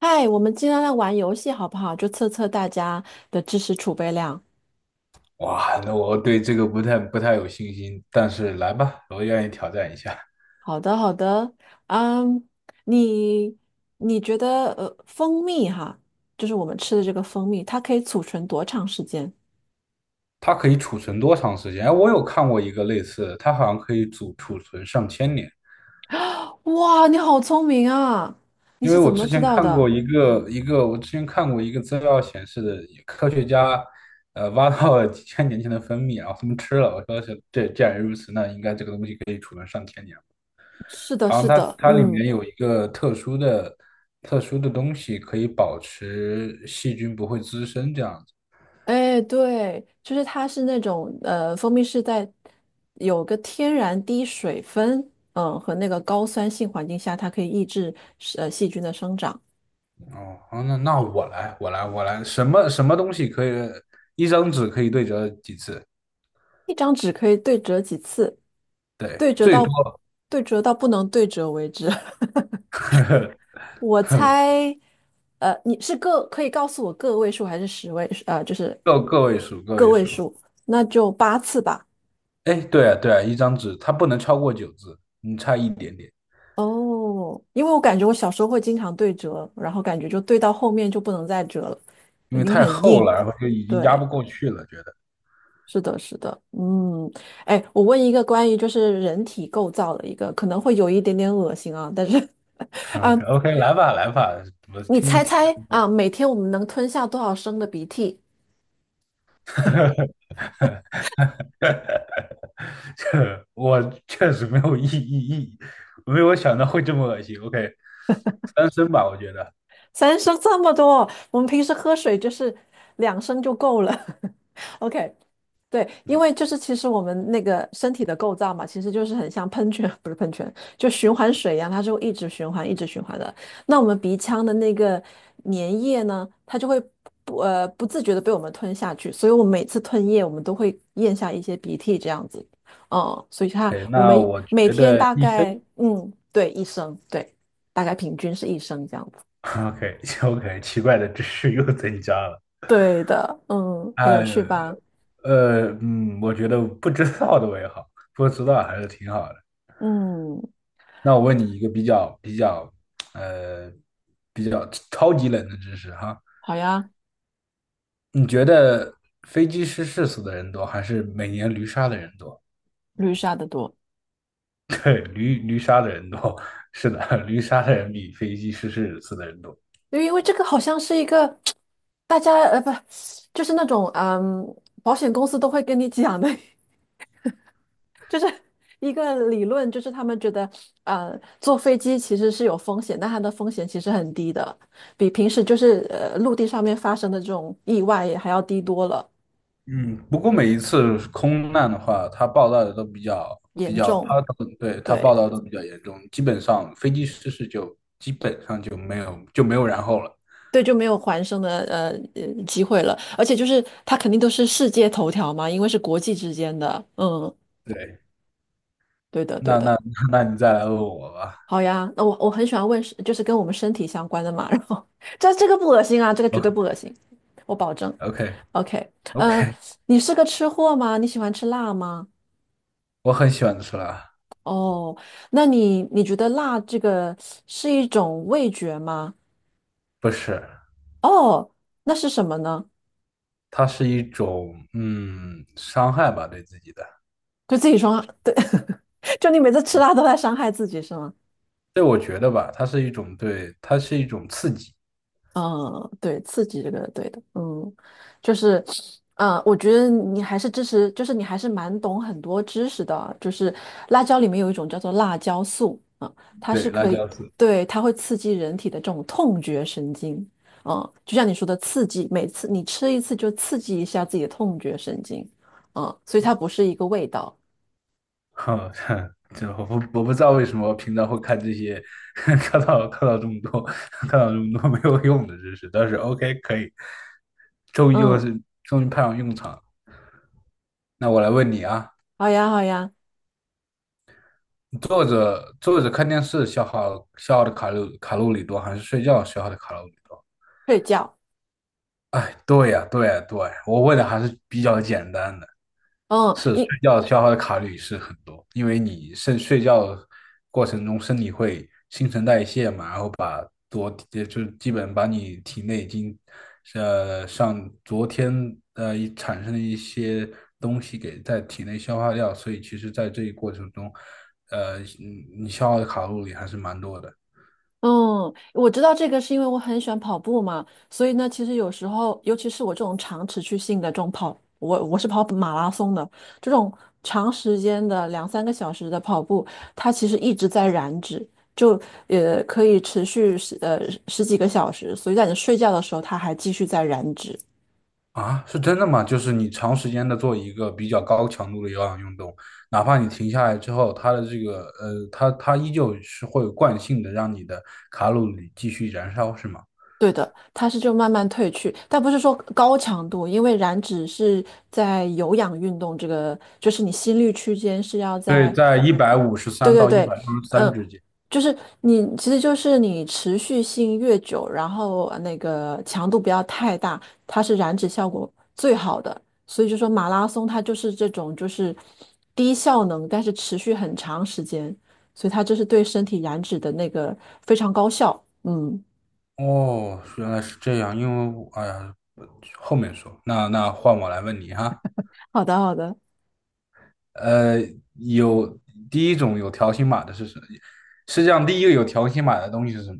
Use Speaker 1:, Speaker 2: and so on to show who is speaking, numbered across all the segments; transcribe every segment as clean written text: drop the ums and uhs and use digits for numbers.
Speaker 1: 嗨，我们今天来玩游戏好不好？就测测大家的知识储备量。
Speaker 2: 哇，那我对这个不太有信心，但是来吧，我愿意挑战一下。
Speaker 1: 好的，好的。嗯，你你觉得蜂蜜哈，就是我们吃的这个蜂蜜，它可以储存多长时间？
Speaker 2: 它可以储存多长时间？哎，我有看过一个类似的，它好像可以储存上千年。
Speaker 1: 哇，你好聪明啊！你
Speaker 2: 因为
Speaker 1: 是怎么知道的？
Speaker 2: 我之前看过一个资料显示的。科学家挖到了几千年前的蜂蜜，然后他们吃了。我说是这，既然如此，那应该这个东西可以储存上千年。
Speaker 1: 是的，
Speaker 2: 好像
Speaker 1: 是
Speaker 2: 它
Speaker 1: 的，
Speaker 2: 它里
Speaker 1: 嗯，
Speaker 2: 面有一个特殊的东西，可以保持细菌不会滋生这样子。
Speaker 1: 哎，对，就是它是那种蜂蜜是在有个天然低水分，嗯，和那个高酸性环境下，它可以抑制细菌的生长。
Speaker 2: 哦，好，那我来，什么什么东西可以一张纸可以对折几次？
Speaker 1: 一张纸可以对折几次？
Speaker 2: 对，
Speaker 1: 对折
Speaker 2: 最多。
Speaker 1: 到对折到不能对折为止。我 猜，你是个可以告诉我个位数还是十位？就是
Speaker 2: 个位数，个
Speaker 1: 个
Speaker 2: 位
Speaker 1: 位
Speaker 2: 数。
Speaker 1: 数，那就八次吧。
Speaker 2: 哎，对啊，对啊，一张纸它不能超过九字，你差一点点，
Speaker 1: 哦，因为我感觉我小时候会经常对折，然后感觉就对到后面就不能再折了，
Speaker 2: 因为
Speaker 1: 因为
Speaker 2: 太
Speaker 1: 很
Speaker 2: 厚
Speaker 1: 硬。
Speaker 2: 了，然后就已经压
Speaker 1: 对，
Speaker 2: 不过去了，觉得。
Speaker 1: 是的，是的，嗯，哎，我问一个关于就是人体构造的一个，可能会有一点点恶心啊，但是 啊，
Speaker 2: OK， OK，来吧，来吧，我
Speaker 1: 你
Speaker 2: 听
Speaker 1: 猜
Speaker 2: 听。
Speaker 1: 猜啊，每天我们能吞下多少升的鼻涕？
Speaker 2: 这我确实没有意意意，没有想到会这么恶心。OK，三声吧，我觉得。
Speaker 1: 三升这么多，我们平时喝水就是两升就够了。OK，对，因
Speaker 2: 嗯
Speaker 1: 为就是其实我们那个身体的构造嘛，其实就是很像喷泉，不是喷泉，就循环水一样，它是会一直循环、一直循环的。那我们鼻腔的那个粘液呢，它就会不自觉的被我们吞下去，所以我们每次吞咽，我们都会咽下一些鼻涕这样子。嗯，所以它 我
Speaker 2: 那
Speaker 1: 们
Speaker 2: 我
Speaker 1: 每
Speaker 2: 觉
Speaker 1: 天
Speaker 2: 得
Speaker 1: 大
Speaker 2: 医生
Speaker 1: 概嗯对一升，对，大概平均是一升这样子。
Speaker 2: ，OK，OK。奇怪的知识又增加了。
Speaker 1: 对的，嗯，很有
Speaker 2: 哎，
Speaker 1: 趣吧？
Speaker 2: 我觉得不知道的为好，不知道还是挺好的。
Speaker 1: 嗯，
Speaker 2: 那我问你一个呃，比较超级冷的知识哈。
Speaker 1: 好呀，
Speaker 2: 你觉得飞机失事死的人多，还是每年驴杀的人多？
Speaker 1: 绿沙的多。
Speaker 2: 对，驴杀的人多，是的，驴杀的人比飞机失事死的人多。
Speaker 1: 对因为这个好像是一个大家呃不，就是那种嗯，保险公司都会跟你讲的，就是一个理论，就是他们觉得坐飞机其实是有风险，但它的风险其实很低的，比平时就是陆地上面发生的这种意外还要低多了，
Speaker 2: 嗯，不过每一次空难的话，它报道的都比较比
Speaker 1: 严
Speaker 2: 较，它
Speaker 1: 重。
Speaker 2: 对。它报
Speaker 1: 对
Speaker 2: 道都比较严重，基本上飞机失事就基本上就没有然后了。
Speaker 1: 对，就没有还生的机会了，而且就是它肯定都是世界头条嘛，因为是国际之间的，嗯，
Speaker 2: 对，
Speaker 1: 对的对
Speaker 2: 那
Speaker 1: 的。
Speaker 2: 那你再来问我吧。
Speaker 1: 好呀，那我很喜欢问是，就是跟我们身体相关的嘛。然后 这个不恶心啊，这个绝对
Speaker 2: OK，
Speaker 1: 不恶心，我保证。
Speaker 2: OK，
Speaker 1: OK，
Speaker 2: OK，
Speaker 1: 嗯、呃你是个吃货吗？你喜欢吃辣吗？
Speaker 2: 我很喜欢吃辣。
Speaker 1: 哦，那你觉得辣这个是一种味觉吗？
Speaker 2: 不是，
Speaker 1: 哦，那是什么呢？
Speaker 2: 它是一种伤害吧，对自己的。
Speaker 1: 就自己说，对，就你每次吃辣都在伤害自己是吗？
Speaker 2: 对，我觉得吧，它是一种对，它是一种刺激。
Speaker 1: 嗯，对，刺激这个对的，嗯，就是，嗯，我觉得你还是支持，就是你还是蛮懂很多知识的啊，就是辣椒里面有一种叫做辣椒素，啊、它
Speaker 2: 对，
Speaker 1: 是
Speaker 2: 辣
Speaker 1: 可以，
Speaker 2: 椒丝。
Speaker 1: 对，它会刺激人体的这种痛觉神经，嗯，就像你说的刺激，每次你吃一次就刺激一下自己的痛觉神经，嗯，所以它不是一个味道，
Speaker 2: 哼。这我不知道为什么平常会看这些，看到这么多，看到这么多没有用的知识，但是 OK 可以，
Speaker 1: 嗯，
Speaker 2: 终于派上用场了。那我来问你啊。
Speaker 1: 好呀好呀，
Speaker 2: 坐着坐着看电视消耗的卡路里多，还是睡觉消耗的卡路里多？
Speaker 1: 睡觉，
Speaker 2: 哎，对呀，对呀，对，我问的还是比较简单的。
Speaker 1: 嗯，一
Speaker 2: 要消耗的卡路里是很多，因为你睡觉过程中身体会新陈代谢嘛，然后把也就是基本把你体内已经上昨天产生的一些东西给在体内消化掉，所以其实在这一过程中，你消耗的卡路里还是蛮多的。
Speaker 1: 嗯，我知道这个是因为我很喜欢跑步嘛，所以呢，其实有时候，尤其是我这种长持续性的这种跑，我是跑马拉松的，这种长时间的两三个小时的跑步，它其实一直在燃脂，就可以持续十几个小时，所以在你睡觉的时候，它还继续在燃脂。
Speaker 2: 啊，是真的吗？就是你长时间的做一个比较高强度的有氧运动，哪怕你停下来之后，它的这个呃，它它依旧是会有惯性的让你的卡路里继续燃烧，是吗？
Speaker 1: 对的，它是就慢慢褪去，但不是说高强度，因为燃脂是在有氧运动这个，就是你心率区间是要
Speaker 2: 对，
Speaker 1: 在。
Speaker 2: 在一百五十
Speaker 1: 对
Speaker 2: 三
Speaker 1: 对
Speaker 2: 到一
Speaker 1: 对，
Speaker 2: 百六十三
Speaker 1: 嗯，
Speaker 2: 之间。
Speaker 1: 就是你，其实就是你持续性越久，然后那个强度不要太大，它是燃脂效果最好的。所以就说马拉松它就是这种就是低效能，但是持续很长时间，所以它就是对身体燃脂的那个非常高效。嗯，
Speaker 2: 哦，原来是这样，因为我哎呀，后面说，那换我来问你哈。
Speaker 1: 好的好的。
Speaker 2: 呃，有第一种有条形码的是什么？世界上第一个有条形码的东西是什么？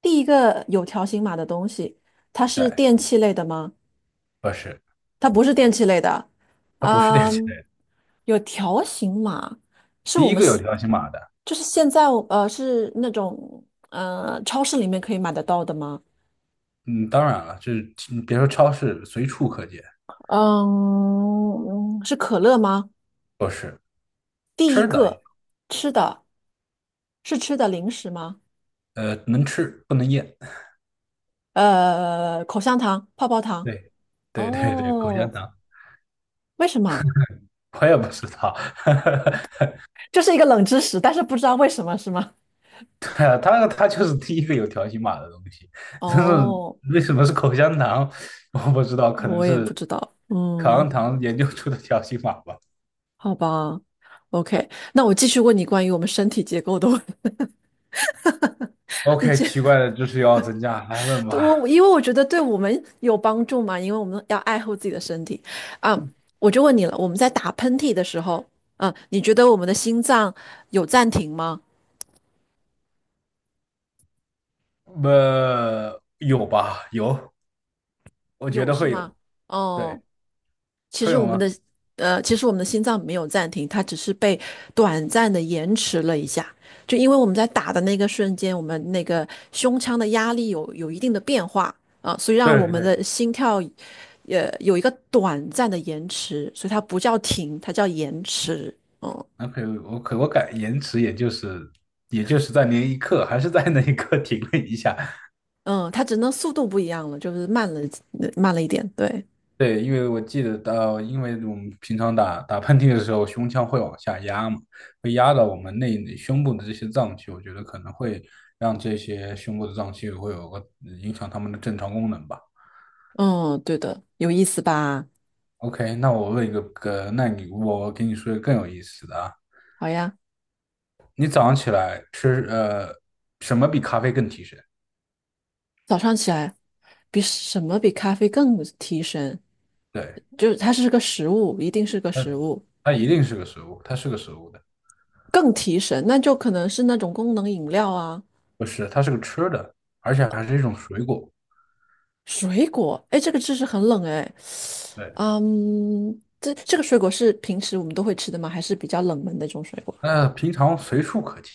Speaker 1: 第一个有条形码的东西，它是
Speaker 2: 对，
Speaker 1: 电器类的吗？
Speaker 2: 不是，
Speaker 1: 它不是电器类的，
Speaker 2: 它不是电器类
Speaker 1: 嗯，
Speaker 2: 的，
Speaker 1: 有条形码，是
Speaker 2: 第
Speaker 1: 我
Speaker 2: 一
Speaker 1: 们
Speaker 2: 个有
Speaker 1: 现
Speaker 2: 条形码的。
Speaker 1: 就是现在是那种超市里面可以买得到的吗？
Speaker 2: 嗯，当然了，就是你别说超市，随处可见
Speaker 1: 嗯，是可乐吗？
Speaker 2: 都是
Speaker 1: 第一
Speaker 2: 吃的。
Speaker 1: 个吃的是吃的零食吗？
Speaker 2: 能吃不能咽。
Speaker 1: 口香糖、泡泡糖。
Speaker 2: 对，对对对，口香
Speaker 1: 哦，
Speaker 2: 糖，
Speaker 1: 为什么？
Speaker 2: 我也不知道。
Speaker 1: 这是一个冷知识，但是不知道为什么是吗？
Speaker 2: 对啊，它就是第一个有条形码的东西，但是
Speaker 1: 哦，
Speaker 2: 为什么是口香糖，我不知道，可能
Speaker 1: 我也
Speaker 2: 是
Speaker 1: 不知道。
Speaker 2: 口香
Speaker 1: 嗯，
Speaker 2: 糖研究出的条形码吧。
Speaker 1: 好吧，OK，那我继续问你关于我们身体结构的问题。你
Speaker 2: OK，
Speaker 1: 这
Speaker 2: 奇怪的知识又要增加，来问吧。
Speaker 1: 我因为我觉得对我们有帮助嘛，因为我们要爱护自己的身体啊。我就问你了，我们在打喷嚏的时候，嗯，你觉得我们的心脏有暂停吗？
Speaker 2: 有吧？有，我觉
Speaker 1: 有
Speaker 2: 得
Speaker 1: 是
Speaker 2: 会
Speaker 1: 吗？
Speaker 2: 有。对，
Speaker 1: 哦，其
Speaker 2: 会
Speaker 1: 实我
Speaker 2: 有
Speaker 1: 们
Speaker 2: 吗？
Speaker 1: 的其实我们的心脏没有暂停，它只是被短暂的延迟了一下。就因为我们在打的那个瞬间，我们那个胸腔的压力有一定的变化啊，所以
Speaker 2: 对
Speaker 1: 让我们
Speaker 2: 对，
Speaker 1: 的心跳有一个短暂的延迟，所以它不叫停，它叫延迟。嗯
Speaker 2: 那可以我感延迟，也就是在那一刻，还是在那一刻停了一下。
Speaker 1: 嗯，它只能速度不一样了，就是慢了一点。对，
Speaker 2: 对，因为我记得到，因为我们平常打喷嚏的时候，胸腔会往下压嘛，会压到我们内胸部的这些脏器，我觉得可能会让这些胸部的脏器会有个影响它们的正常功能吧。
Speaker 1: 嗯，对的，有意思吧？
Speaker 2: OK，那我问一个，我给你说一个更有意思的啊。
Speaker 1: 好呀。
Speaker 2: 你早上起来什么比咖啡更提神？
Speaker 1: 早上起来，比什么比咖啡更提神？
Speaker 2: 对，
Speaker 1: 就是它是个食物，一定是个
Speaker 2: 那
Speaker 1: 食物，
Speaker 2: 它一定是个食物，它是个食物的。
Speaker 1: 更提神，那就可能是那种功能饮料啊，
Speaker 2: 不是，它是个吃的，而且还是一种水果。
Speaker 1: 水果。哎，这个知识很冷哎，
Speaker 2: 对，
Speaker 1: 嗯，这这个水果是平时我们都会吃的吗？还是比较冷门的一种水果？
Speaker 2: 那平常随处可见，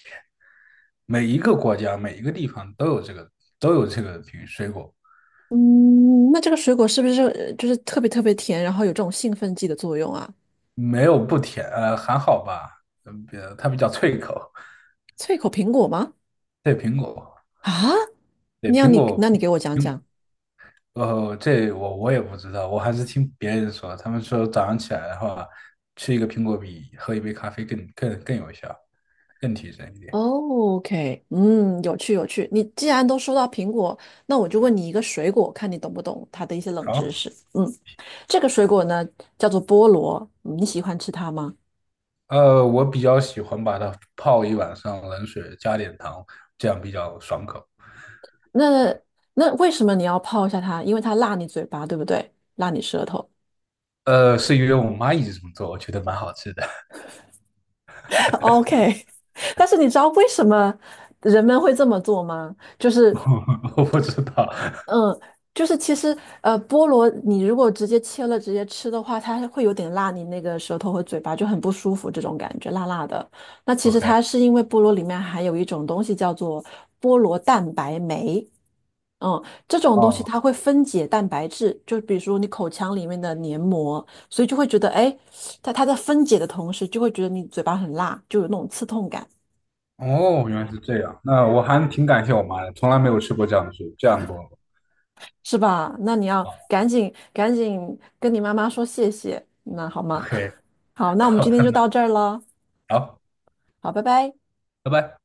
Speaker 2: 每一个国家、每一个地方都有这个水果。
Speaker 1: 嗯，那这个水果是不是就是特别特别甜，然后有这种兴奋剂的作用啊？
Speaker 2: 没有不甜，还好吧，比它比较脆口。
Speaker 1: 脆口苹果吗？
Speaker 2: 对，苹果，
Speaker 1: 啊，
Speaker 2: 对，苹果，
Speaker 1: 那你给我讲
Speaker 2: 苹，
Speaker 1: 讲。
Speaker 2: 这我也不知道，我还是听别人说，他们说早上起来的话，吃一个苹果比喝一杯咖啡更有效，更提神一点。
Speaker 1: 哦，OK，嗯，有趣有趣。你既然都说到苹果，那我就问你一个水果，看你懂不懂它的一些冷知
Speaker 2: 好。
Speaker 1: 识。嗯，这个水果呢叫做菠萝，嗯你喜欢吃它吗？
Speaker 2: 我比较喜欢把它泡一晚上冷水，加点糖，这样比较爽口。
Speaker 1: 那那为什么你要泡一下它？因为它辣你嘴巴，对不对？辣你舌头。
Speaker 2: 是因为我妈一直这么做，我觉得蛮好吃的。
Speaker 1: OK，但是你知道为什么人们会这么做吗？就 是。
Speaker 2: 我不知道。
Speaker 1: 嗯，就是其实菠萝你如果直接切了直接吃的话，它会有点辣，你那个舌头和嘴巴就很不舒服，这种感觉辣辣的。那其实
Speaker 2: OK，
Speaker 1: 它是因为菠萝里面含有一种东西叫做菠萝蛋白酶，嗯，这种东西
Speaker 2: 哦
Speaker 1: 它会分解蛋白质，就比如说你口腔里面的黏膜，所以就会觉得哎，诶它在分解的同时就会觉得你嘴巴很辣，就有那种刺痛感。
Speaker 2: 哦，原来是这样。那我还挺感谢我妈的，从来没有吃过这样的水，这样过。
Speaker 1: 是吧？那你要
Speaker 2: 哦
Speaker 1: 赶紧赶紧跟你妈妈说谢谢，那好吗？
Speaker 2: OK，
Speaker 1: 好，那我们
Speaker 2: 到
Speaker 1: 今天就到
Speaker 2: 了，
Speaker 1: 这儿了，
Speaker 2: 好，
Speaker 1: 好，拜拜。
Speaker 2: 拜拜。